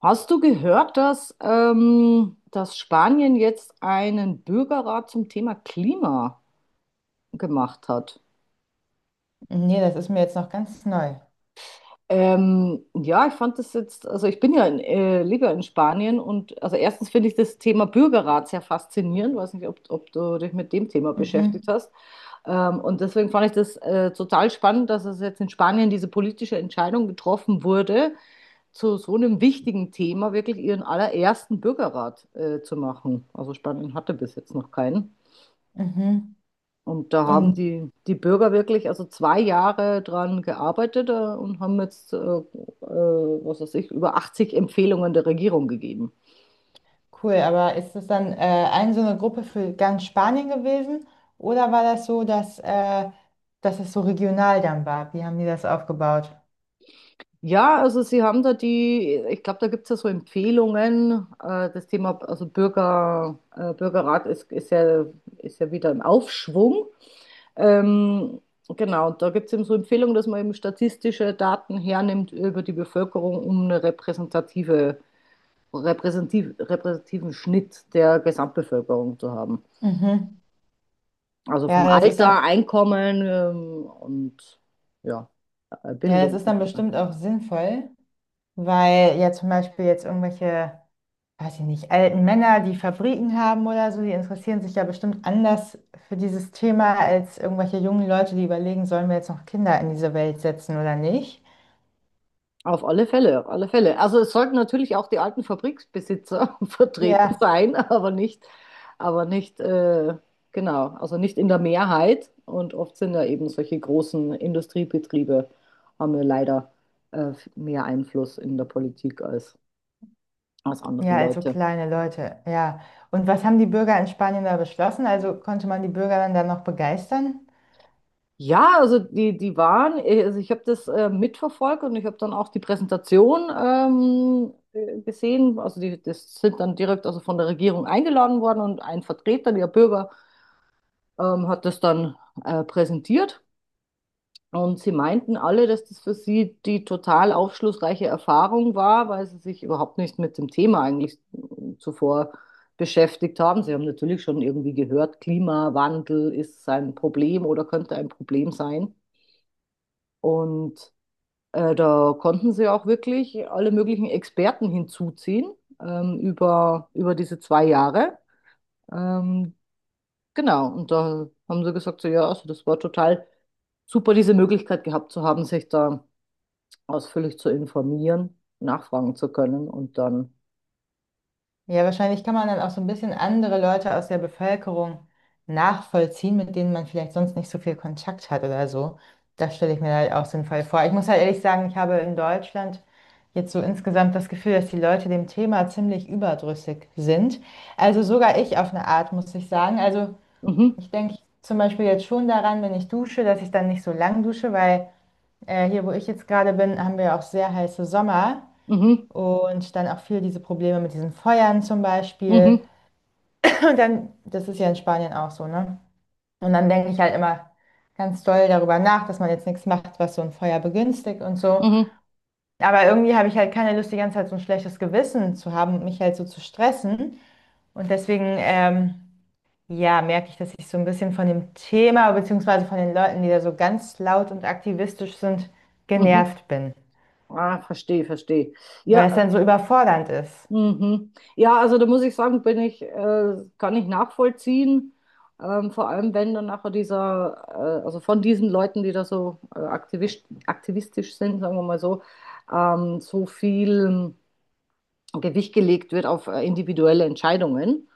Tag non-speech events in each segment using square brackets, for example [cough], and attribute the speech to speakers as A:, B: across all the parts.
A: Hast du gehört, dass, dass Spanien jetzt einen Bürgerrat zum Thema Klima gemacht hat?
B: Nee, das ist mir jetzt noch ganz neu.
A: Ja, ich fand das jetzt, also ich bin ja lebe ja in Spanien, und also erstens finde ich das Thema Bürgerrat sehr faszinierend, weiß nicht, ob du dich mit dem Thema beschäftigt
B: Mhm.
A: hast. Und deswegen fand ich das total spannend, dass es jetzt in Spanien diese politische Entscheidung getroffen wurde, zu so einem wichtigen Thema wirklich ihren allerersten Bürgerrat zu machen. Also Spanien hatte bis jetzt noch keinen.
B: mhm.
A: Und da haben
B: und
A: die Bürger wirklich also 2 Jahre dran gearbeitet und haben jetzt, was weiß ich, über 80 Empfehlungen der Regierung gegeben.
B: cool, aber ist das dann ein so eine Gruppe für ganz Spanien gewesen? Oder war das so, dass, dass es so regional dann war? Wie haben die das aufgebaut?
A: Ja, also sie haben da die, ich glaube, da gibt es ja so Empfehlungen. Das Thema, also Bürgerrat ist ja wieder im Aufschwung. Ähm, genau, da gibt es eben so Empfehlungen, dass man eben statistische Daten hernimmt über die Bevölkerung, um eine repräsentativen Schnitt der Gesamtbevölkerung zu haben.
B: Mhm.
A: Also vom
B: Ja, das ist dann,
A: Alter, Einkommen, und ja,
B: ja, das
A: Bildung
B: ist
A: und
B: dann
A: so weiter.
B: bestimmt auch sinnvoll, weil ja zum Beispiel jetzt irgendwelche, weiß ich nicht, alten Männer, die Fabriken haben oder so, die interessieren sich ja bestimmt anders für dieses Thema als irgendwelche jungen Leute, die überlegen, sollen wir jetzt noch Kinder in diese Welt setzen oder nicht?
A: Auf alle Fälle, auf alle Fälle. Also es sollten natürlich auch die alten Fabriksbesitzer [laughs] vertreten
B: Ja,
A: sein, aber nicht, genau, also nicht in der Mehrheit. Und oft sind ja eben solche großen Industriebetriebe, haben ja leider mehr Einfluss in der Politik als andere
B: ja, also
A: Leute.
B: kleine Leute, ja. Und was haben die Bürger in Spanien da beschlossen? Also konnte man die Bürger dann da noch begeistern?
A: Ja, also die waren, also ich habe das mitverfolgt, und ich habe dann auch die Präsentation gesehen. Also die, das sind dann direkt also von der Regierung eingeladen worden, und ein Vertreter der Bürger hat das dann präsentiert. Und sie meinten alle, dass das für sie die total aufschlussreiche Erfahrung war, weil sie sich überhaupt nicht mit dem Thema eigentlich zuvor beschäftigt haben. Sie haben natürlich schon irgendwie gehört, Klimawandel ist ein Problem oder könnte ein Problem sein. Und da konnten sie auch wirklich alle möglichen Experten hinzuziehen über, über diese 2 Jahre. Ähm, genau, und da haben sie gesagt, so, ja, also das war total super, diese Möglichkeit gehabt zu haben, sich da ausführlich zu informieren, nachfragen zu können und dann,
B: Ja, wahrscheinlich kann man dann auch so ein bisschen andere Leute aus der Bevölkerung nachvollziehen, mit denen man vielleicht sonst nicht so viel Kontakt hat oder so. Das stelle ich mir halt auch sinnvoll vor. Ich muss halt ehrlich sagen, ich habe in Deutschland jetzt so insgesamt das Gefühl, dass die Leute dem Thema ziemlich überdrüssig sind. Also sogar ich auf eine Art, muss ich sagen. Also
A: mhm,
B: ich denke zum Beispiel jetzt schon daran, wenn ich dusche, dass ich dann nicht so lang dusche, weil hier, wo ich jetzt gerade bin, haben wir auch sehr heiße Sommer.
A: mhm,
B: Und dann auch viel diese Probleme mit diesen Feuern zum Beispiel.
A: mhm,
B: [clears throat] Und dann, das ist ja in Spanien auch so, ne? Und dann denke ich halt immer ganz doll darüber nach, dass man jetzt nichts macht, was so ein Feuer begünstigt und so.
A: mhm,
B: Aber irgendwie habe ich halt keine Lust, die ganze Zeit so ein schlechtes Gewissen zu haben und mich halt so zu stressen. Und deswegen, ja, merke ich, dass ich so ein bisschen von dem Thema, beziehungsweise von den Leuten, die da so ganz laut und aktivistisch sind,
A: mhm.
B: genervt bin.
A: Ah, verstehe, verstehe.
B: Weil es
A: Ja.
B: dann so überfordernd ist.
A: Mhm. Ja, also da muss ich sagen, kann ich nachvollziehen. Vor allem, wenn dann nachher dieser, also von diesen Leuten, die da so aktivistisch sind, sagen wir mal so, so viel Gewicht gelegt wird auf individuelle Entscheidungen.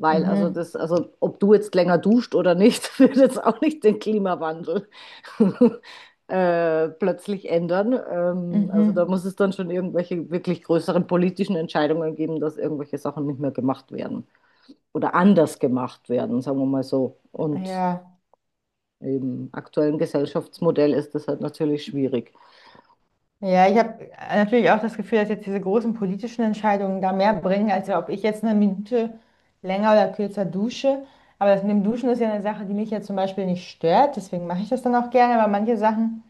A: Weil also
B: Mhm.
A: das, also ob du jetzt länger duscht oder nicht, [laughs] wird jetzt auch nicht den Klimawandel [laughs] plötzlich ändern. Also da
B: Mhm.
A: muss es dann schon irgendwelche wirklich größeren politischen Entscheidungen geben, dass irgendwelche Sachen nicht mehr gemacht werden oder anders gemacht werden, sagen wir mal so. Und
B: Ja.
A: im aktuellen Gesellschaftsmodell ist das halt natürlich schwierig.
B: Ja, ich habe natürlich auch das Gefühl, dass jetzt diese großen politischen Entscheidungen da mehr bringen, als ob ich jetzt eine Minute länger oder kürzer dusche. Aber das mit dem Duschen ist ja eine Sache, die mich ja zum Beispiel nicht stört. Deswegen mache ich das dann auch gerne. Aber manche Sachen,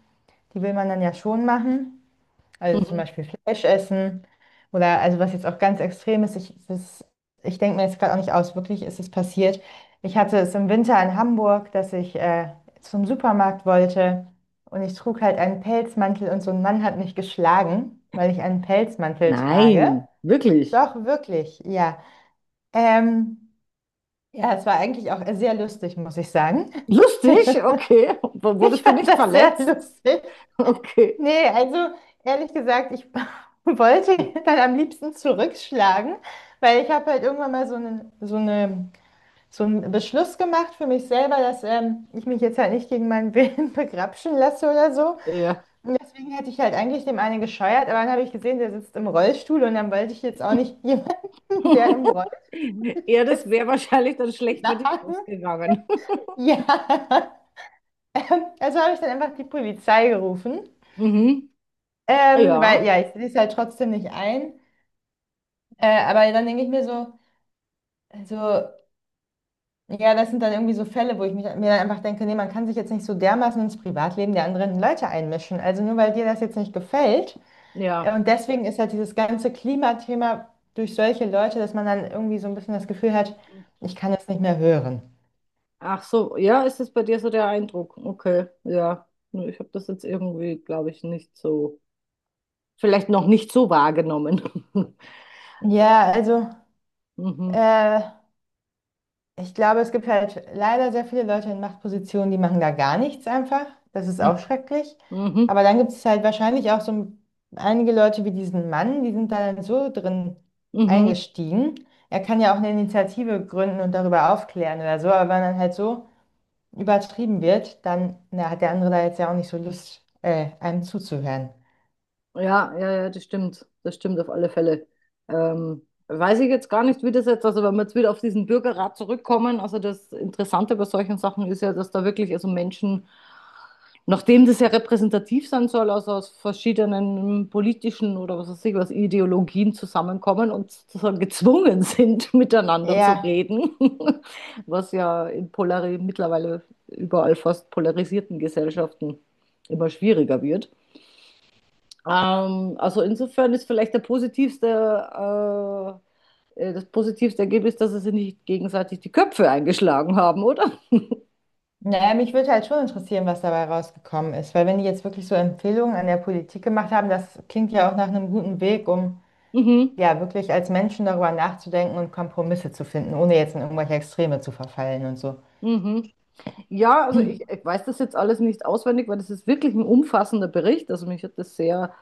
B: die will man dann ja schon machen. Also zum
A: Mhm.
B: Beispiel Fleisch essen oder also was jetzt auch ganz extrem ist, ich denke mir jetzt gerade auch nicht aus, wirklich ist es passiert. Ich hatte es im Winter in Hamburg, dass ich zum Supermarkt wollte und ich trug halt einen Pelzmantel und so ein Mann hat mich geschlagen, weil ich einen Pelzmantel trage.
A: Nein, wirklich.
B: Doch, wirklich, ja. Ähm, ja, es war eigentlich auch sehr lustig, muss ich sagen. [laughs]
A: Lustig, okay.
B: Ich
A: Wurdest du
B: fand
A: nicht
B: das sehr
A: verletzt?
B: lustig.
A: Okay.
B: Nee, also ehrlich gesagt, ich [laughs] wollte dann am liebsten zurückschlagen, weil ich habe halt irgendwann mal so einen Beschluss gemacht für mich selber, dass ich mich jetzt halt nicht gegen meinen Willen [laughs] begrapschen lasse oder so.
A: Ja.
B: Und deswegen hätte ich halt eigentlich dem einen gescheuert, aber dann habe ich gesehen, der sitzt im Rollstuhl und dann wollte ich jetzt auch nicht [laughs] jemanden, der im
A: [laughs]
B: Rollstuhl
A: Ja, das
B: sitzt,
A: wäre wahrscheinlich dann schlecht für dich
B: schlagen.
A: ausgegangen.
B: Ja, [laughs] also habe ich dann einfach die Polizei gerufen,
A: [laughs] Mhm.
B: weil
A: Ja,
B: ja, ich sehe es halt trotzdem nicht ein. Aber dann denke ich mir so, also, ja, das sind dann irgendwie so Fälle, wo ich mir dann einfach denke, nee, man kann sich jetzt nicht so dermaßen ins Privatleben der anderen Leute einmischen. Also nur weil dir das jetzt nicht gefällt.
A: ja.
B: Und deswegen ist halt dieses ganze Klimathema durch solche Leute, dass man dann irgendwie so ein bisschen das Gefühl hat, ich kann es nicht mehr hören.
A: Ach so, ja, ist es bei dir so der Eindruck? Okay, ja. Nö, ich habe das jetzt irgendwie, glaube ich, nicht so, vielleicht noch nicht so wahrgenommen. [laughs]
B: Ja, also,
A: Mhm,
B: äh, ich glaube, es gibt halt leider sehr viele Leute in Machtpositionen, die machen da gar nichts einfach. Das ist
A: mhm,
B: auch schrecklich.
A: mhm,
B: Aber dann gibt es halt wahrscheinlich auch so einige Leute wie diesen Mann, die sind da dann so drin
A: mhm.
B: eingestiegen. Er kann ja auch eine Initiative gründen und darüber aufklären oder so. Aber wenn dann halt so übertrieben wird, dann na, hat der andere da jetzt ja auch nicht so Lust, einem zuzuhören.
A: Ja, ja, ja, das stimmt. Das stimmt auf alle Fälle. Weiß ich jetzt gar nicht, wie das jetzt, also wenn wir jetzt wieder auf diesen Bürgerrat zurückkommen, also das Interessante bei solchen Sachen ist ja, dass da wirklich also Menschen, nachdem das ja repräsentativ sein soll, also aus verschiedenen politischen oder was weiß ich was, Ideologien zusammenkommen und sozusagen gezwungen sind, [laughs] miteinander zu
B: Ja.
A: reden, [laughs] was ja in polari mittlerweile überall fast polarisierten Gesellschaften immer schwieriger wird. Also insofern ist vielleicht der das positivste Ergebnis, dass sie sich nicht gegenseitig die Köpfe eingeschlagen haben, oder?
B: Naja, mich würde halt schon interessieren, was dabei rausgekommen ist, weil wenn die jetzt wirklich so Empfehlungen an der Politik gemacht haben, das klingt ja auch nach einem guten Weg, um
A: Mhm.
B: ja wirklich als Menschen darüber nachzudenken und Kompromisse zu finden, ohne jetzt in irgendwelche Extreme zu verfallen und so.
A: Mhm. Ja, also ich weiß das jetzt alles nicht auswendig, weil das ist wirklich ein umfassender Bericht. Also mich hat das sehr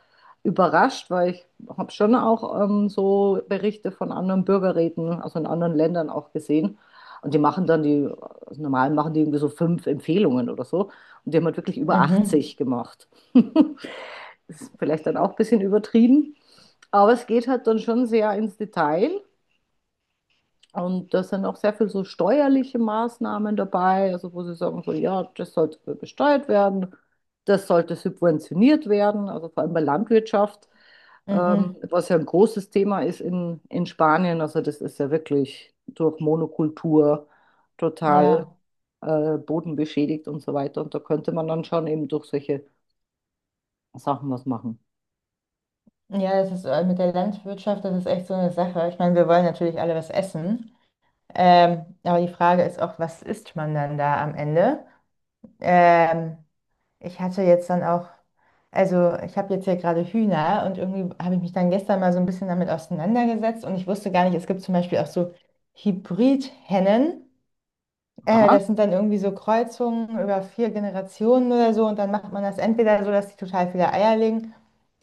A: überrascht, weil ich habe schon auch so Berichte von anderen Bürgerräten, also in anderen Ländern auch gesehen. Und die machen dann die, also normal machen die irgendwie so 5 Empfehlungen oder so. Und die haben halt wirklich über
B: Mhm,
A: 80 gemacht. [laughs] Ist vielleicht dann auch ein bisschen übertrieben. Aber es geht halt dann schon sehr ins Detail. Und da sind auch sehr viel so steuerliche Maßnahmen dabei, also wo sie sagen so, ja, das sollte besteuert werden, das sollte subventioniert werden, also vor allem bei Landwirtschaft,
B: mhm,
A: was ja ein großes Thema ist in Spanien. Also das ist ja wirklich durch Monokultur total
B: ja,
A: bodenbeschädigt und so weiter. Und da könnte man dann schon eben durch solche Sachen was machen.
B: Ja, das ist mit der Landwirtschaft, das ist echt so eine Sache. Ich meine, wir wollen natürlich alle was essen, aber die Frage ist auch, was isst man dann da am Ende? Ähm, Ich hatte jetzt dann auch, also ich habe jetzt hier gerade Hühner und irgendwie habe ich mich dann gestern mal so ein bisschen damit auseinandergesetzt und ich wusste gar nicht, es gibt zum Beispiel auch so Hybrid-Hennen.
A: Aha.
B: Das sind dann irgendwie so Kreuzungen über 4 Generationen oder so und dann macht man das entweder so, dass die total viele Eier legen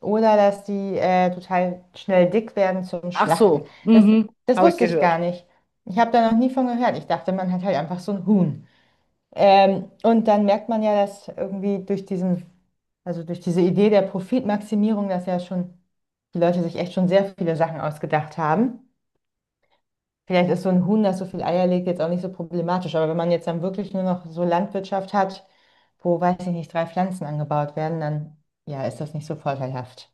B: oder dass die total schnell dick werden zum
A: Ach
B: Schlachten.
A: so,
B: Das,
A: mhm.
B: das
A: Habe ich
B: wusste ich
A: gehört.
B: gar nicht. Ich habe da noch nie von gehört. Ich dachte, man hat halt einfach so ein Huhn. Und dann merkt man ja, dass irgendwie durch diesen, also durch diese Idee der Profitmaximierung, dass ja schon die Leute sich echt schon sehr viele Sachen ausgedacht haben. Vielleicht ist so ein Huhn, das so viel Eier legt, jetzt auch nicht so problematisch. Aber wenn man jetzt dann wirklich nur noch so Landwirtschaft hat, wo, weiß ich nicht, drei Pflanzen angebaut werden, dann ja, ist das nicht so vorteilhaft.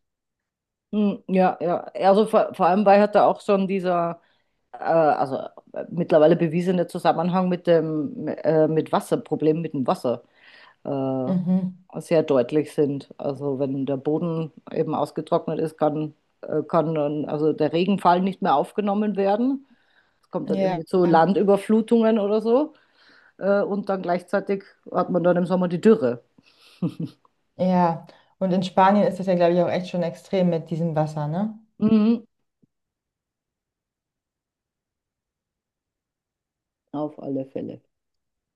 A: Hm. Ja, ja. Also vor allem, weil halt da auch schon dieser äh, also mittlerweile bewiesene Zusammenhang mit dem mit Wasserproblemen mit dem Wasser
B: Mhm.
A: sehr deutlich sind. Also wenn der Boden eben ausgetrocknet ist, kann dann, also der Regenfall nicht mehr aufgenommen werden. Es kommt dann
B: Ja,
A: irgendwie zu Landüberflutungen oder so. Und dann gleichzeitig hat man dann im Sommer die Dürre.
B: ja. Und in Spanien ist das ja, glaube ich, auch echt schon extrem mit diesem Wasser, ne?
A: Mhm. Auf alle Fälle.